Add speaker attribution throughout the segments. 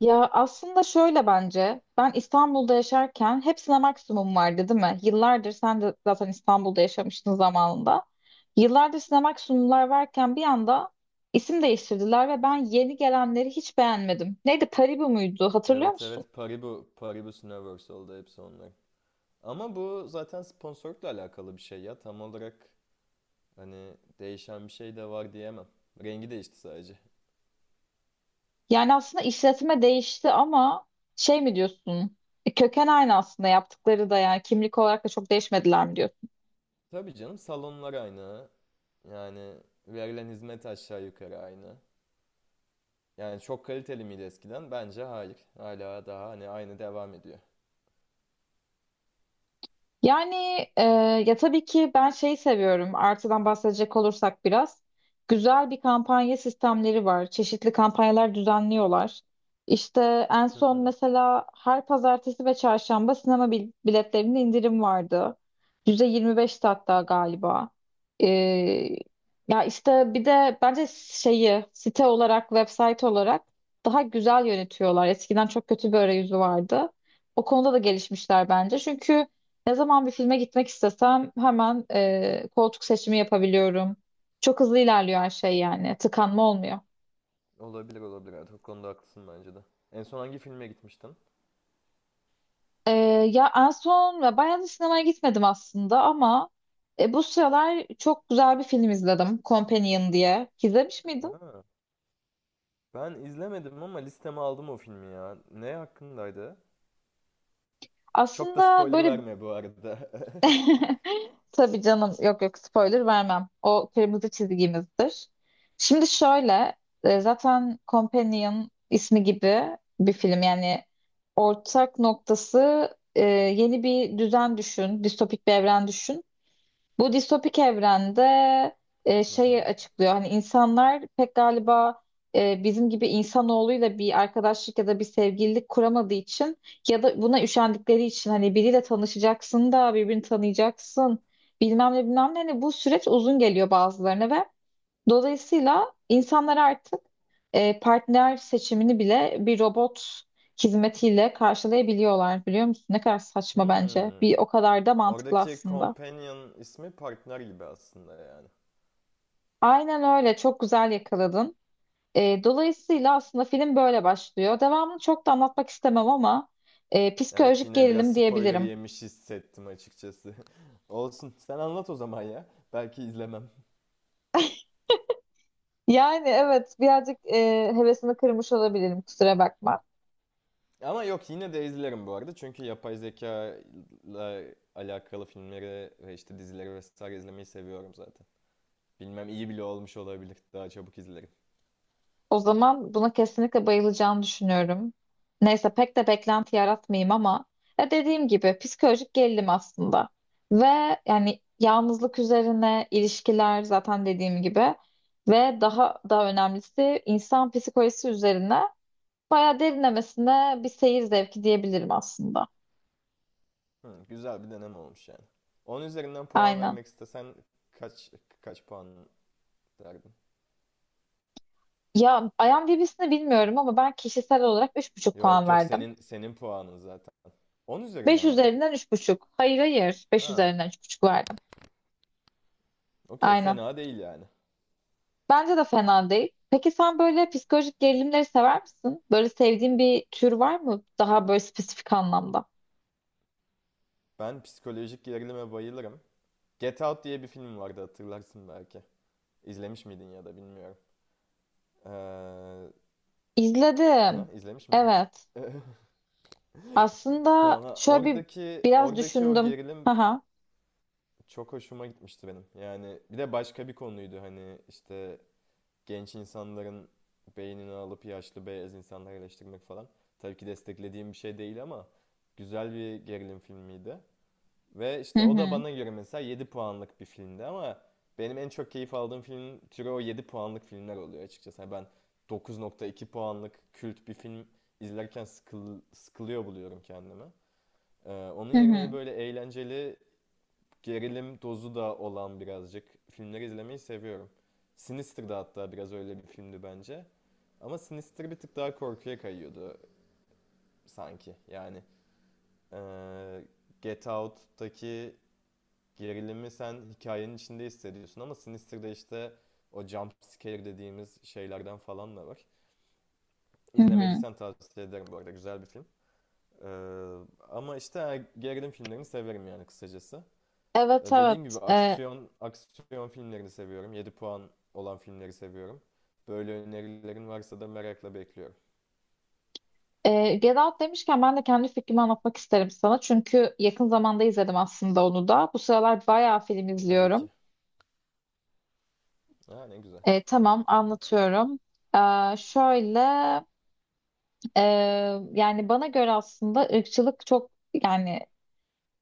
Speaker 1: Ya aslında şöyle bence ben İstanbul'da yaşarken hepsine maksimum vardı değil mi? Yıllardır sen de zaten İstanbul'da yaşamıştın zamanında. Yıllardır size maksimumlar varken bir anda isim değiştirdiler ve ben yeni gelenleri hiç beğenmedim. Neydi Paribu muydu hatırlıyor
Speaker 2: Evet
Speaker 1: musun?
Speaker 2: evet Paribu, Paribus Universal'da hepsi onlar. Ama bu zaten sponsorlukla alakalı bir şey ya. Tam olarak hani değişen bir şey de var diyemem. Rengi değişti sadece.
Speaker 1: Yani aslında işletme değişti ama şey mi diyorsun? Köken aynı aslında, yaptıkları da yani kimlik olarak da çok değişmediler mi diyorsun?
Speaker 2: Tabii canım, salonlar aynı. Yani verilen hizmet aşağı yukarı aynı. Yani çok kaliteli miydi eskiden? Bence hayır. Hala daha hani aynı devam ediyor.
Speaker 1: Yani e, ya tabii ki ben şeyi seviyorum. Artıdan bahsedecek olursak biraz. Güzel bir kampanya sistemleri var. Çeşitli kampanyalar düzenliyorlar. İşte en
Speaker 2: Hı
Speaker 1: son
Speaker 2: hı.
Speaker 1: mesela her pazartesi ve çarşamba sinema biletlerinde indirim vardı. %25'ti hatta galiba. E, ya işte bir de bence şeyi site olarak, website olarak daha güzel yönetiyorlar. Eskiden çok kötü bir arayüzü vardı. O konuda da gelişmişler bence. Çünkü ne zaman bir filme gitmek istesem hemen koltuk seçimi yapabiliyorum. Çok hızlı ilerliyor her şey yani. Tıkanma olmuyor.
Speaker 2: Olabilir olabilir. Evet, o konuda haklısın bence de. En son hangi filme gitmiştin?
Speaker 1: E, ya en son ve bayağı da sinemaya gitmedim aslında, ama bu sıralar çok güzel bir film izledim. Companion diye. İzlemiş miydin?
Speaker 2: Ha, ben izlemedim ama listeme aldım o filmi ya. Ne hakkındaydı? Çok da
Speaker 1: Aslında
Speaker 2: spoiler
Speaker 1: böyle
Speaker 2: verme bu arada.
Speaker 1: Tabii canım, yok yok, spoiler vermem. O kırmızı çizgimizdir. Şimdi şöyle, zaten Companion ismi gibi bir film yani. Ortak noktası yeni bir düzen düşün, distopik bir evren düşün. Bu distopik evrende
Speaker 2: Hı
Speaker 1: şeyi
Speaker 2: hı.
Speaker 1: açıklıyor. Hani insanlar pek galiba bizim gibi insanoğluyla bir arkadaşlık ya da bir sevgililik kuramadığı için, ya da buna üşendikleri için, hani biriyle tanışacaksın da birbirini tanıyacaksın, bilmem ne bilmem ne. Hani bu süreç uzun geliyor bazılarına, ve dolayısıyla insanlar artık partner seçimini bile bir robot hizmetiyle karşılayabiliyorlar, biliyor musun? Ne kadar saçma bence.
Speaker 2: Hmm.
Speaker 1: Bir o kadar da mantıklı
Speaker 2: Oradaki
Speaker 1: aslında.
Speaker 2: companion ismi partner gibi aslında yani.
Speaker 1: Aynen öyle. Çok güzel yakaladın. Dolayısıyla aslında film böyle başlıyor. Devamını çok da anlatmak istemem ama
Speaker 2: Evet,
Speaker 1: psikolojik
Speaker 2: yine biraz
Speaker 1: gerilim
Speaker 2: spoiler
Speaker 1: diyebilirim.
Speaker 2: yemiş hissettim açıkçası. Olsun. Sen anlat o zaman ya. Belki izlemem.
Speaker 1: Yani evet, birazcık hevesini kırmış olabilirim. Kusura bakma.
Speaker 2: Ama yok, yine de izlerim bu arada. Çünkü yapay zeka ile alakalı filmleri ve işte dizileri vesaire izlemeyi seviyorum zaten. Bilmem, iyi bile olmuş olabilir. Daha çabuk izlerim.
Speaker 1: O zaman buna kesinlikle bayılacağını düşünüyorum. Neyse pek de beklenti yaratmayayım, ama ya dediğim gibi psikolojik gerilim aslında. Ve yani yalnızlık üzerine, ilişkiler, zaten dediğim gibi, ve daha önemlisi insan psikolojisi üzerine bayağı derinlemesine bir seyir zevki diyebilirim aslında.
Speaker 2: Hı, güzel bir deneme olmuş yani. 10 üzerinden puan
Speaker 1: Aynen.
Speaker 2: vermek istesen kaç kaç puan derdin?
Speaker 1: Ya IMDb'sini bilmiyorum ama ben kişisel olarak 3,5 puan
Speaker 2: Yok yok,
Speaker 1: verdim.
Speaker 2: senin puanın zaten. 10
Speaker 1: 5
Speaker 2: üzerinden mi?
Speaker 1: üzerinden üç buçuk. Hayır hayır, Beş
Speaker 2: Ha,
Speaker 1: üzerinden üç buçuk verdim.
Speaker 2: okey,
Speaker 1: Aynen.
Speaker 2: fena değil yani.
Speaker 1: Bence de fena değil. Peki sen böyle psikolojik gerilimleri sever misin? Böyle sevdiğin bir tür var mı? Daha böyle spesifik anlamda.
Speaker 2: Ben psikolojik gerilime bayılırım. Get Out diye bir film vardı, hatırlarsın belki. İzlemiş miydin ya da bilmiyorum. Ee,
Speaker 1: İzledim.
Speaker 2: ha, izlemiş miydin?
Speaker 1: Evet. Aslında
Speaker 2: Tamam ha,
Speaker 1: şöyle bir
Speaker 2: oradaki
Speaker 1: biraz
Speaker 2: oradaki o
Speaker 1: düşündüm.
Speaker 2: gerilim
Speaker 1: Haha.
Speaker 2: çok hoşuma gitmişti benim. Yani bir de başka bir konuydu hani işte genç insanların beynini alıp yaşlı beyaz insanları eleştirmek falan. Tabii ki desteklediğim bir şey değil ama güzel bir gerilim filmiydi. Ve
Speaker 1: Hı
Speaker 2: işte o da
Speaker 1: hı.
Speaker 2: bana göre mesela 7 puanlık bir filmdi ama benim en çok keyif aldığım film türü o 7 puanlık filmler oluyor açıkçası. Yani ben 9.2 puanlık kült bir film izlerken sıkılıyor buluyorum kendimi. Onun
Speaker 1: Hı
Speaker 2: yerine hani
Speaker 1: hı.
Speaker 2: böyle eğlenceli gerilim dozu da olan birazcık filmleri izlemeyi seviyorum. Sinister da hatta biraz öyle bir filmdi bence. Ama Sinister bir tık daha korkuya kayıyordu sanki. Yani eee, Get Out'taki gerilimi sen hikayenin içinde hissediyorsun ama Sinister'da işte o jump scare dediğimiz şeylerden falan da var.
Speaker 1: Hı hı.
Speaker 2: İzlemediysen tavsiye ederim bu arada, güzel bir film. Eee, Ama işte gerilim filmlerini severim yani, kısacası.
Speaker 1: Evet
Speaker 2: Dediğim
Speaker 1: evet.
Speaker 2: gibi aksiyon aksiyon filmlerini seviyorum. 7 puan olan filmleri seviyorum. Böyle önerilerin varsa da merakla bekliyorum.
Speaker 1: Get Out demişken ben de kendi fikrimi anlatmak isterim sana. Çünkü yakın zamanda izledim aslında onu da. Bu sıralar bayağı film
Speaker 2: Tabii
Speaker 1: izliyorum.
Speaker 2: ki. Ha, ne güzel.
Speaker 1: Tamam, anlatıyorum. Şöyle Ee, yani bana göre aslında ırkçılık çok, yani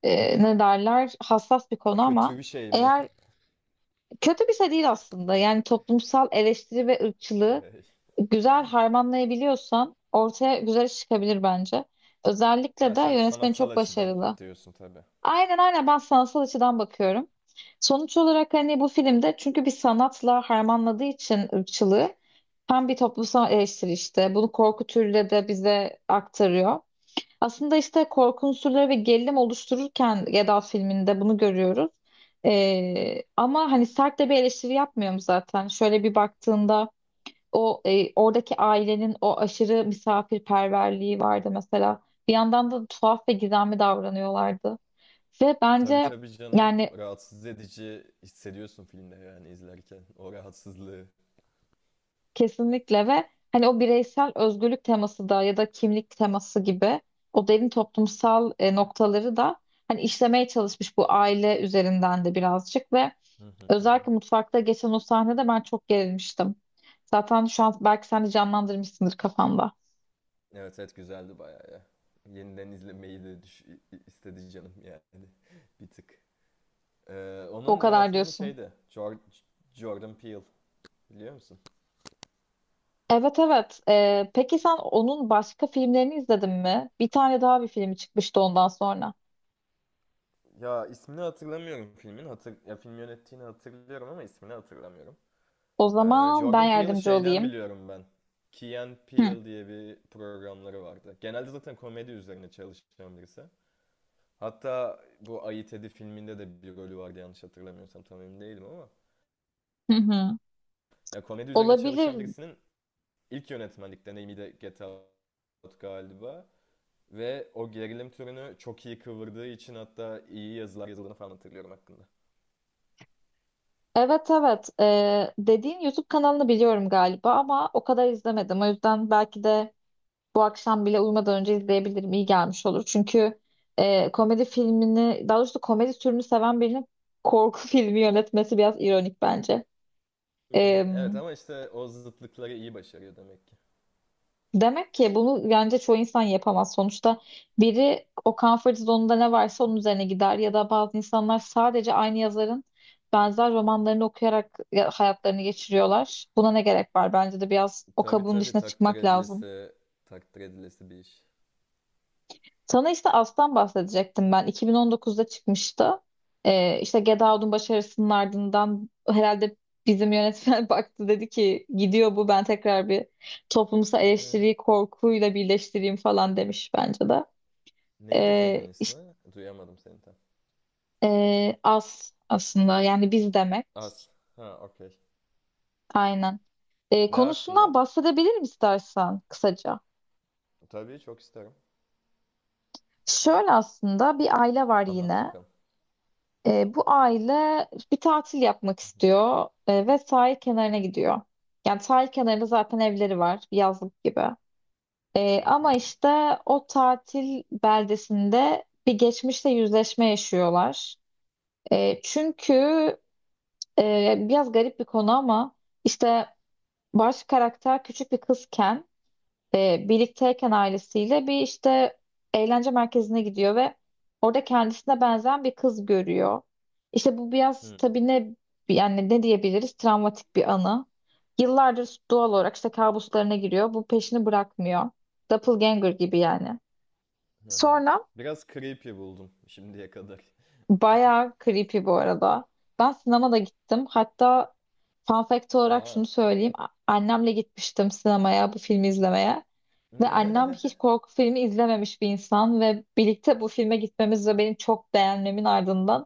Speaker 1: ne derler, hassas bir konu, ama
Speaker 2: Kötü bir şey mi?
Speaker 1: eğer kötü bir şey değil aslında. Yani toplumsal eleştiri ve ırkçılığı
Speaker 2: Hey.
Speaker 1: güzel harmanlayabiliyorsan ortaya güzel iş çıkabilir bence.
Speaker 2: Ha,
Speaker 1: Özellikle de
Speaker 2: sen
Speaker 1: yönetmen
Speaker 2: sanatsal
Speaker 1: çok
Speaker 2: açıdan
Speaker 1: başarılı.
Speaker 2: diyorsun tabii.
Speaker 1: Aynen aynen, ben sanatsal açıdan bakıyorum. Sonuç olarak hani bu filmde, çünkü bir sanatla harmanladığı için ırkçılığı, hem bir toplumsal eleştiri, işte bunu korku türüyle de bize aktarıyor. Aslında işte korku unsurları ve gerilim oluştururken Geda filminde bunu görüyoruz. Ama hani sert de bir eleştiri yapmıyorum zaten. Şöyle bir baktığında o, oradaki ailenin o aşırı misafirperverliği vardı mesela. Bir yandan da tuhaf ve gizemli davranıyorlardı. Ve
Speaker 2: Tabii
Speaker 1: bence,
Speaker 2: tabii canım.
Speaker 1: yani,
Speaker 2: Rahatsız edici hissediyorsun filmde yani izlerken. O rahatsızlığı.
Speaker 1: kesinlikle. Ve hani o bireysel özgürlük teması da, ya da kimlik teması gibi o derin toplumsal noktaları da hani işlemeye çalışmış, bu aile üzerinden de birazcık, ve
Speaker 2: Hı hı hı hı.
Speaker 1: özellikle mutfakta geçen o sahnede ben çok gerilmiştim. Zaten şu an belki sen de canlandırmışsındır kafanda.
Speaker 2: Evet evet, güzeldi bayağı ya. Yeniden izlemeyi de istedi canım yani. Bir tık.
Speaker 1: O
Speaker 2: Onun
Speaker 1: kadar
Speaker 2: yönetmeni
Speaker 1: diyorsun.
Speaker 2: şeydi. Jordan Peele. Biliyor musun?
Speaker 1: Evet evet. Peki sen onun başka filmlerini izledin mi? Bir tane daha bir filmi çıkmıştı ondan sonra.
Speaker 2: Ya, ismini hatırlamıyorum filmin. Ya, film yönettiğini hatırlıyorum ama ismini hatırlamıyorum.
Speaker 1: O zaman ben
Speaker 2: Jordan Peele'ı
Speaker 1: yardımcı
Speaker 2: şeyden
Speaker 1: olayım.
Speaker 2: biliyorum ben. Key and
Speaker 1: Hı
Speaker 2: Peele diye bir programları vardı. Genelde zaten komedi üzerine çalışan birisi. Hatta bu Ayı Tedi filminde de bir rolü vardı, yanlış hatırlamıyorsam, tam emin değilim ama.
Speaker 1: hı. Hı.
Speaker 2: Ya, komedi üzerine
Speaker 1: Olabilir.
Speaker 2: çalışan birisinin ilk yönetmenlik deneyimi de Get Out galiba. Ve o gerilim türünü çok iyi kıvırdığı için hatta iyi yazılar yazıldığını falan hatırlıyorum hakkında.
Speaker 1: Evet evet. Dediğin YouTube kanalını biliyorum galiba, ama o kadar izlemedim. O yüzden belki de bu akşam bile uyumadan önce izleyebilirim. İyi gelmiş olur. Çünkü komedi filmini, daha doğrusu komedi türünü seven birinin korku filmi yönetmesi biraz ironik bence.
Speaker 2: Evet, ama işte o zıtlıkları iyi başarıyor demek ki.
Speaker 1: Demek ki bunu bence çoğu insan yapamaz. Sonuçta biri o comfort zone'unda ne varsa onun üzerine gider, ya da bazı insanlar sadece aynı yazarın benzer romanlarını okuyarak hayatlarını geçiriyorlar. Buna ne gerek var? Bence de biraz o
Speaker 2: Tabii
Speaker 1: kabuğun
Speaker 2: tabii,
Speaker 1: dışına
Speaker 2: takdir
Speaker 1: çıkmak lazım.
Speaker 2: edilesi, takdir edilesi bir iş.
Speaker 1: Sana işte Aslan bahsedecektim ben. 2019'da çıkmıştı. İşte Get Out'un başarısının ardından herhalde bizim yönetmen baktı, dedi ki gidiyor bu, ben tekrar bir toplumsal
Speaker 2: Ee,
Speaker 1: eleştiriyi korkuyla birleştireyim falan, demiş bence de.
Speaker 2: Neydi filmin ismi?
Speaker 1: İşte,
Speaker 2: Duyamadım seni tam.
Speaker 1: az aslında. Yani biz demek.
Speaker 2: Az. Ha okey.
Speaker 1: Aynen.
Speaker 2: Ne
Speaker 1: Konusundan
Speaker 2: hakkında?
Speaker 1: bahsedebilirim istersen kısaca.
Speaker 2: Tabii, çok isterim. A-
Speaker 1: Şöyle, aslında bir aile var
Speaker 2: Anlat
Speaker 1: yine.
Speaker 2: bakalım.
Speaker 1: Bu aile bir tatil yapmak
Speaker 2: Hı hı.
Speaker 1: istiyor ve sahil kenarına gidiyor. Yani sahil kenarında zaten evleri var, bir yazlık gibi.
Speaker 2: Hı hı.
Speaker 1: Ama işte o tatil beldesinde bir geçmişle yüzleşme yaşıyorlar. Çünkü biraz garip bir konu, ama işte baş karakter küçük bir kızken birlikteyken ailesiyle bir işte eğlence merkezine gidiyor ve orada kendisine benzeyen bir kız görüyor. İşte bu biraz
Speaker 2: Hı.
Speaker 1: tabii, ne yani, ne diyebiliriz, travmatik bir anı. Yıllardır doğal olarak işte kabuslarına giriyor. Bu peşini bırakmıyor. Doppelganger gibi yani.
Speaker 2: Hı hı. Hı.
Speaker 1: Sonra
Speaker 2: Biraz creepy buldum şimdiye kadar.
Speaker 1: bayağı creepy bu arada. Ben sinemada da gittim. Hatta fun fact olarak
Speaker 2: Aa.
Speaker 1: şunu söyleyeyim. Annemle gitmiştim sinemaya bu filmi izlemeye. Ve annem hiç korku filmi izlememiş bir insan, ve birlikte bu filme gitmemiz ve benim çok beğenmemin ardından,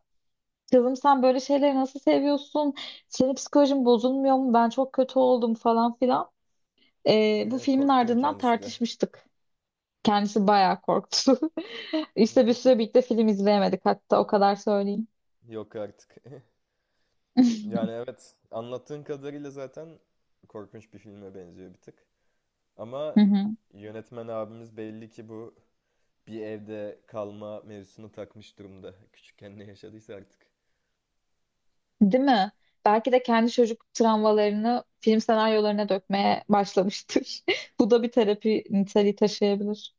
Speaker 1: kızım sen böyle şeyleri nasıl seviyorsun? Senin psikolojin bozulmuyor mu? Ben çok kötü oldum falan filan. Bu filmin
Speaker 2: Korktu mu
Speaker 1: ardından
Speaker 2: kendisi de?
Speaker 1: tartışmıştık. Kendisi bayağı korktu. İşte bir süre birlikte film izleyemedik hatta, o kadar söyleyeyim.
Speaker 2: Yok artık. Yani evet, anlattığın kadarıyla zaten korkunç bir filme benziyor bir tık.
Speaker 1: Hı
Speaker 2: Ama
Speaker 1: hı.
Speaker 2: yönetmen abimiz belli ki bu bir evde kalma mevzusunu takmış durumda. Küçükken ne yaşadıysa artık.
Speaker 1: Değil mi? Belki de kendi çocuk travmalarını film senaryolarına dökmeye başlamıştır. Bu da bir terapi niteliği taşıyabilir.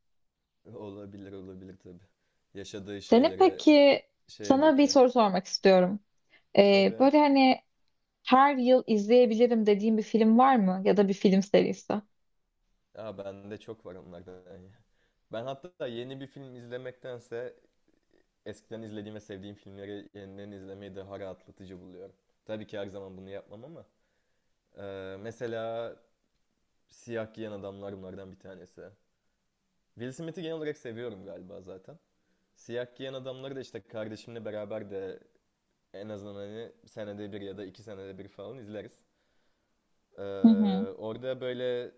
Speaker 2: Olabilir, olabilir tabii. Yaşadığı
Speaker 1: Senin
Speaker 2: şeylere
Speaker 1: peki,
Speaker 2: şeye
Speaker 1: sana bir
Speaker 2: döküyor.
Speaker 1: soru sormak istiyorum.
Speaker 2: Tabii.
Speaker 1: Böyle hani her yıl izleyebilirim dediğin bir film var mı? Ya da bir film serisi? Hı
Speaker 2: Ya, bende çok var onlardan ya. Ben hatta yeni bir film izlemektense eskiden izlediğim ve sevdiğim filmleri yeniden izlemeyi daha rahatlatıcı buluyorum. Tabii ki her zaman bunu yapmam ama mesela siyah giyen adamlar bunlardan bir tanesi. Will Smith'i genel olarak seviyorum galiba zaten. Siyah giyen adamları da işte kardeşimle beraber de en azından hani senede bir ya da iki senede bir falan izleriz. Ee,
Speaker 1: hı.
Speaker 2: Orada böyle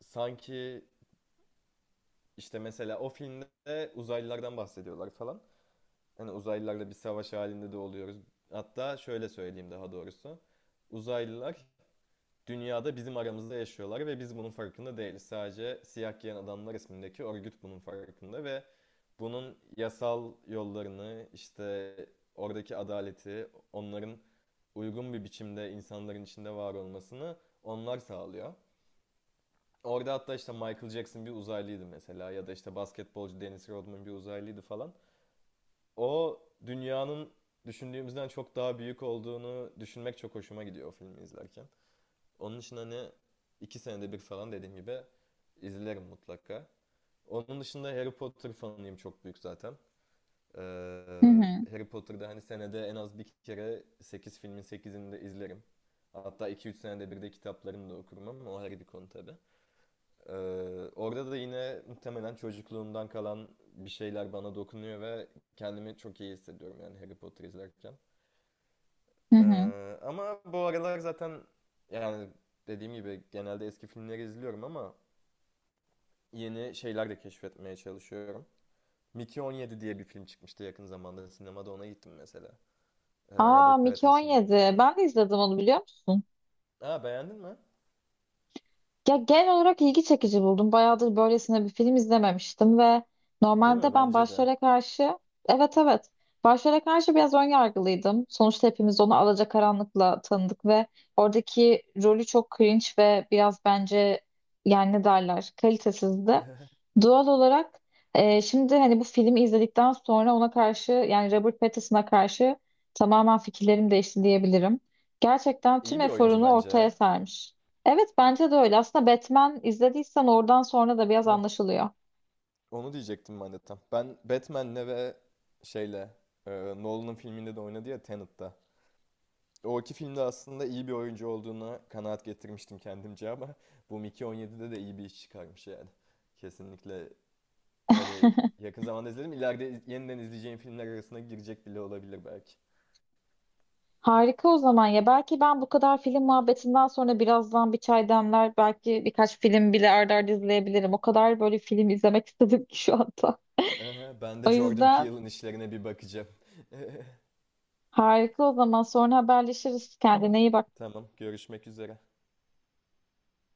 Speaker 2: sanki işte mesela o filmde uzaylılardan bahsediyorlar falan. Hani uzaylılarla bir savaş halinde de oluyoruz. Hatta şöyle söyleyeyim daha doğrusu. Uzaylılar dünyada bizim aramızda yaşıyorlar ve biz bunun farkında değiliz. Sadece Siyah Giyen Adamlar ismindeki örgüt bunun farkında ve bunun yasal yollarını, işte oradaki adaleti, onların uygun bir biçimde insanların içinde var olmasını onlar sağlıyor. Orada hatta işte Michael Jackson bir uzaylıydı mesela, ya da işte basketbolcu Dennis Rodman bir uzaylıydı falan. O dünyanın düşündüğümüzden çok daha büyük olduğunu düşünmek çok hoşuma gidiyor o filmi izlerken. Onun için hani iki senede bir falan dediğim gibi izlerim mutlaka. Onun dışında Harry Potter fanıyım çok büyük zaten. Ee,
Speaker 1: Hı hı.
Speaker 2: Harry Potter'da hani senede en az bir kere 8 filmin sekizini de izlerim. Hatta iki üç senede bir de kitaplarını da okurum ama o ayrı bir konu tabii. Ee, Orada da yine muhtemelen çocukluğumdan kalan bir şeyler bana dokunuyor ve kendimi çok iyi hissediyorum yani Harry Potter izlerken.
Speaker 1: Hı hı.
Speaker 2: Ama bu aralar zaten yani dediğim gibi genelde eski filmleri izliyorum ama yeni şeyler de keşfetmeye çalışıyorum. Mickey 17 diye bir film çıkmıştı yakın zamanda. Sinemada ona gittim mesela.
Speaker 1: Aa,
Speaker 2: Robert
Speaker 1: Mickey
Speaker 2: Pattinson
Speaker 1: 17.
Speaker 2: oynuyor.
Speaker 1: Ben de izledim onu, biliyor musun?
Speaker 2: Aa, beğendin mi?
Speaker 1: Ya genel olarak ilgi çekici buldum. Bayağıdır böylesine bir film izlememiştim, ve
Speaker 2: Değil
Speaker 1: normalde
Speaker 2: mi?
Speaker 1: ben
Speaker 2: Bence de.
Speaker 1: başrole karşı, evet evet, başrole karşı biraz ön yargılıydım. Sonuçta hepimiz onu Alacakaranlık'la tanıdık, ve oradaki rolü çok cringe ve biraz bence, yani ne derler, kalitesizdi. Doğal olarak şimdi hani bu filmi izledikten sonra ona karşı, yani Robert Pattinson'a karşı, tamamen fikirlerim değişti diyebilirim. Gerçekten tüm
Speaker 2: İyi bir oyuncu
Speaker 1: eforunu
Speaker 2: bence
Speaker 1: ortaya
Speaker 2: ya.
Speaker 1: sermiş. Evet, bence de öyle. Aslında Batman izlediysen oradan sonra da biraz
Speaker 2: Ha,
Speaker 1: anlaşılıyor.
Speaker 2: onu diyecektim ben de tam. Ben Batman'le ve şeyle, e, Nolan'ın filminde de oynadı ya, Tenet'te. O iki filmde aslında iyi bir oyuncu olduğuna kanaat getirmiştim kendimce ama bu Mickey 17'de de iyi bir iş çıkarmış yani. Kesinlikle hani yakın zamanda izledim. İleride yeniden izleyeceğim filmler arasına girecek bile olabilir belki.
Speaker 1: Harika o zaman ya. Belki ben bu kadar film muhabbetinden sonra birazdan bir çay demler. Belki birkaç film bile arda arda izleyebilirim. O kadar böyle film izlemek istedim ki şu anda.
Speaker 2: Aha, ben
Speaker 1: O
Speaker 2: de Jordan
Speaker 1: yüzden
Speaker 2: Peele'ın işlerine bir bakacağım.
Speaker 1: harika o zaman. Sonra haberleşiriz. Kendine iyi bak.
Speaker 2: Tamam, görüşmek üzere.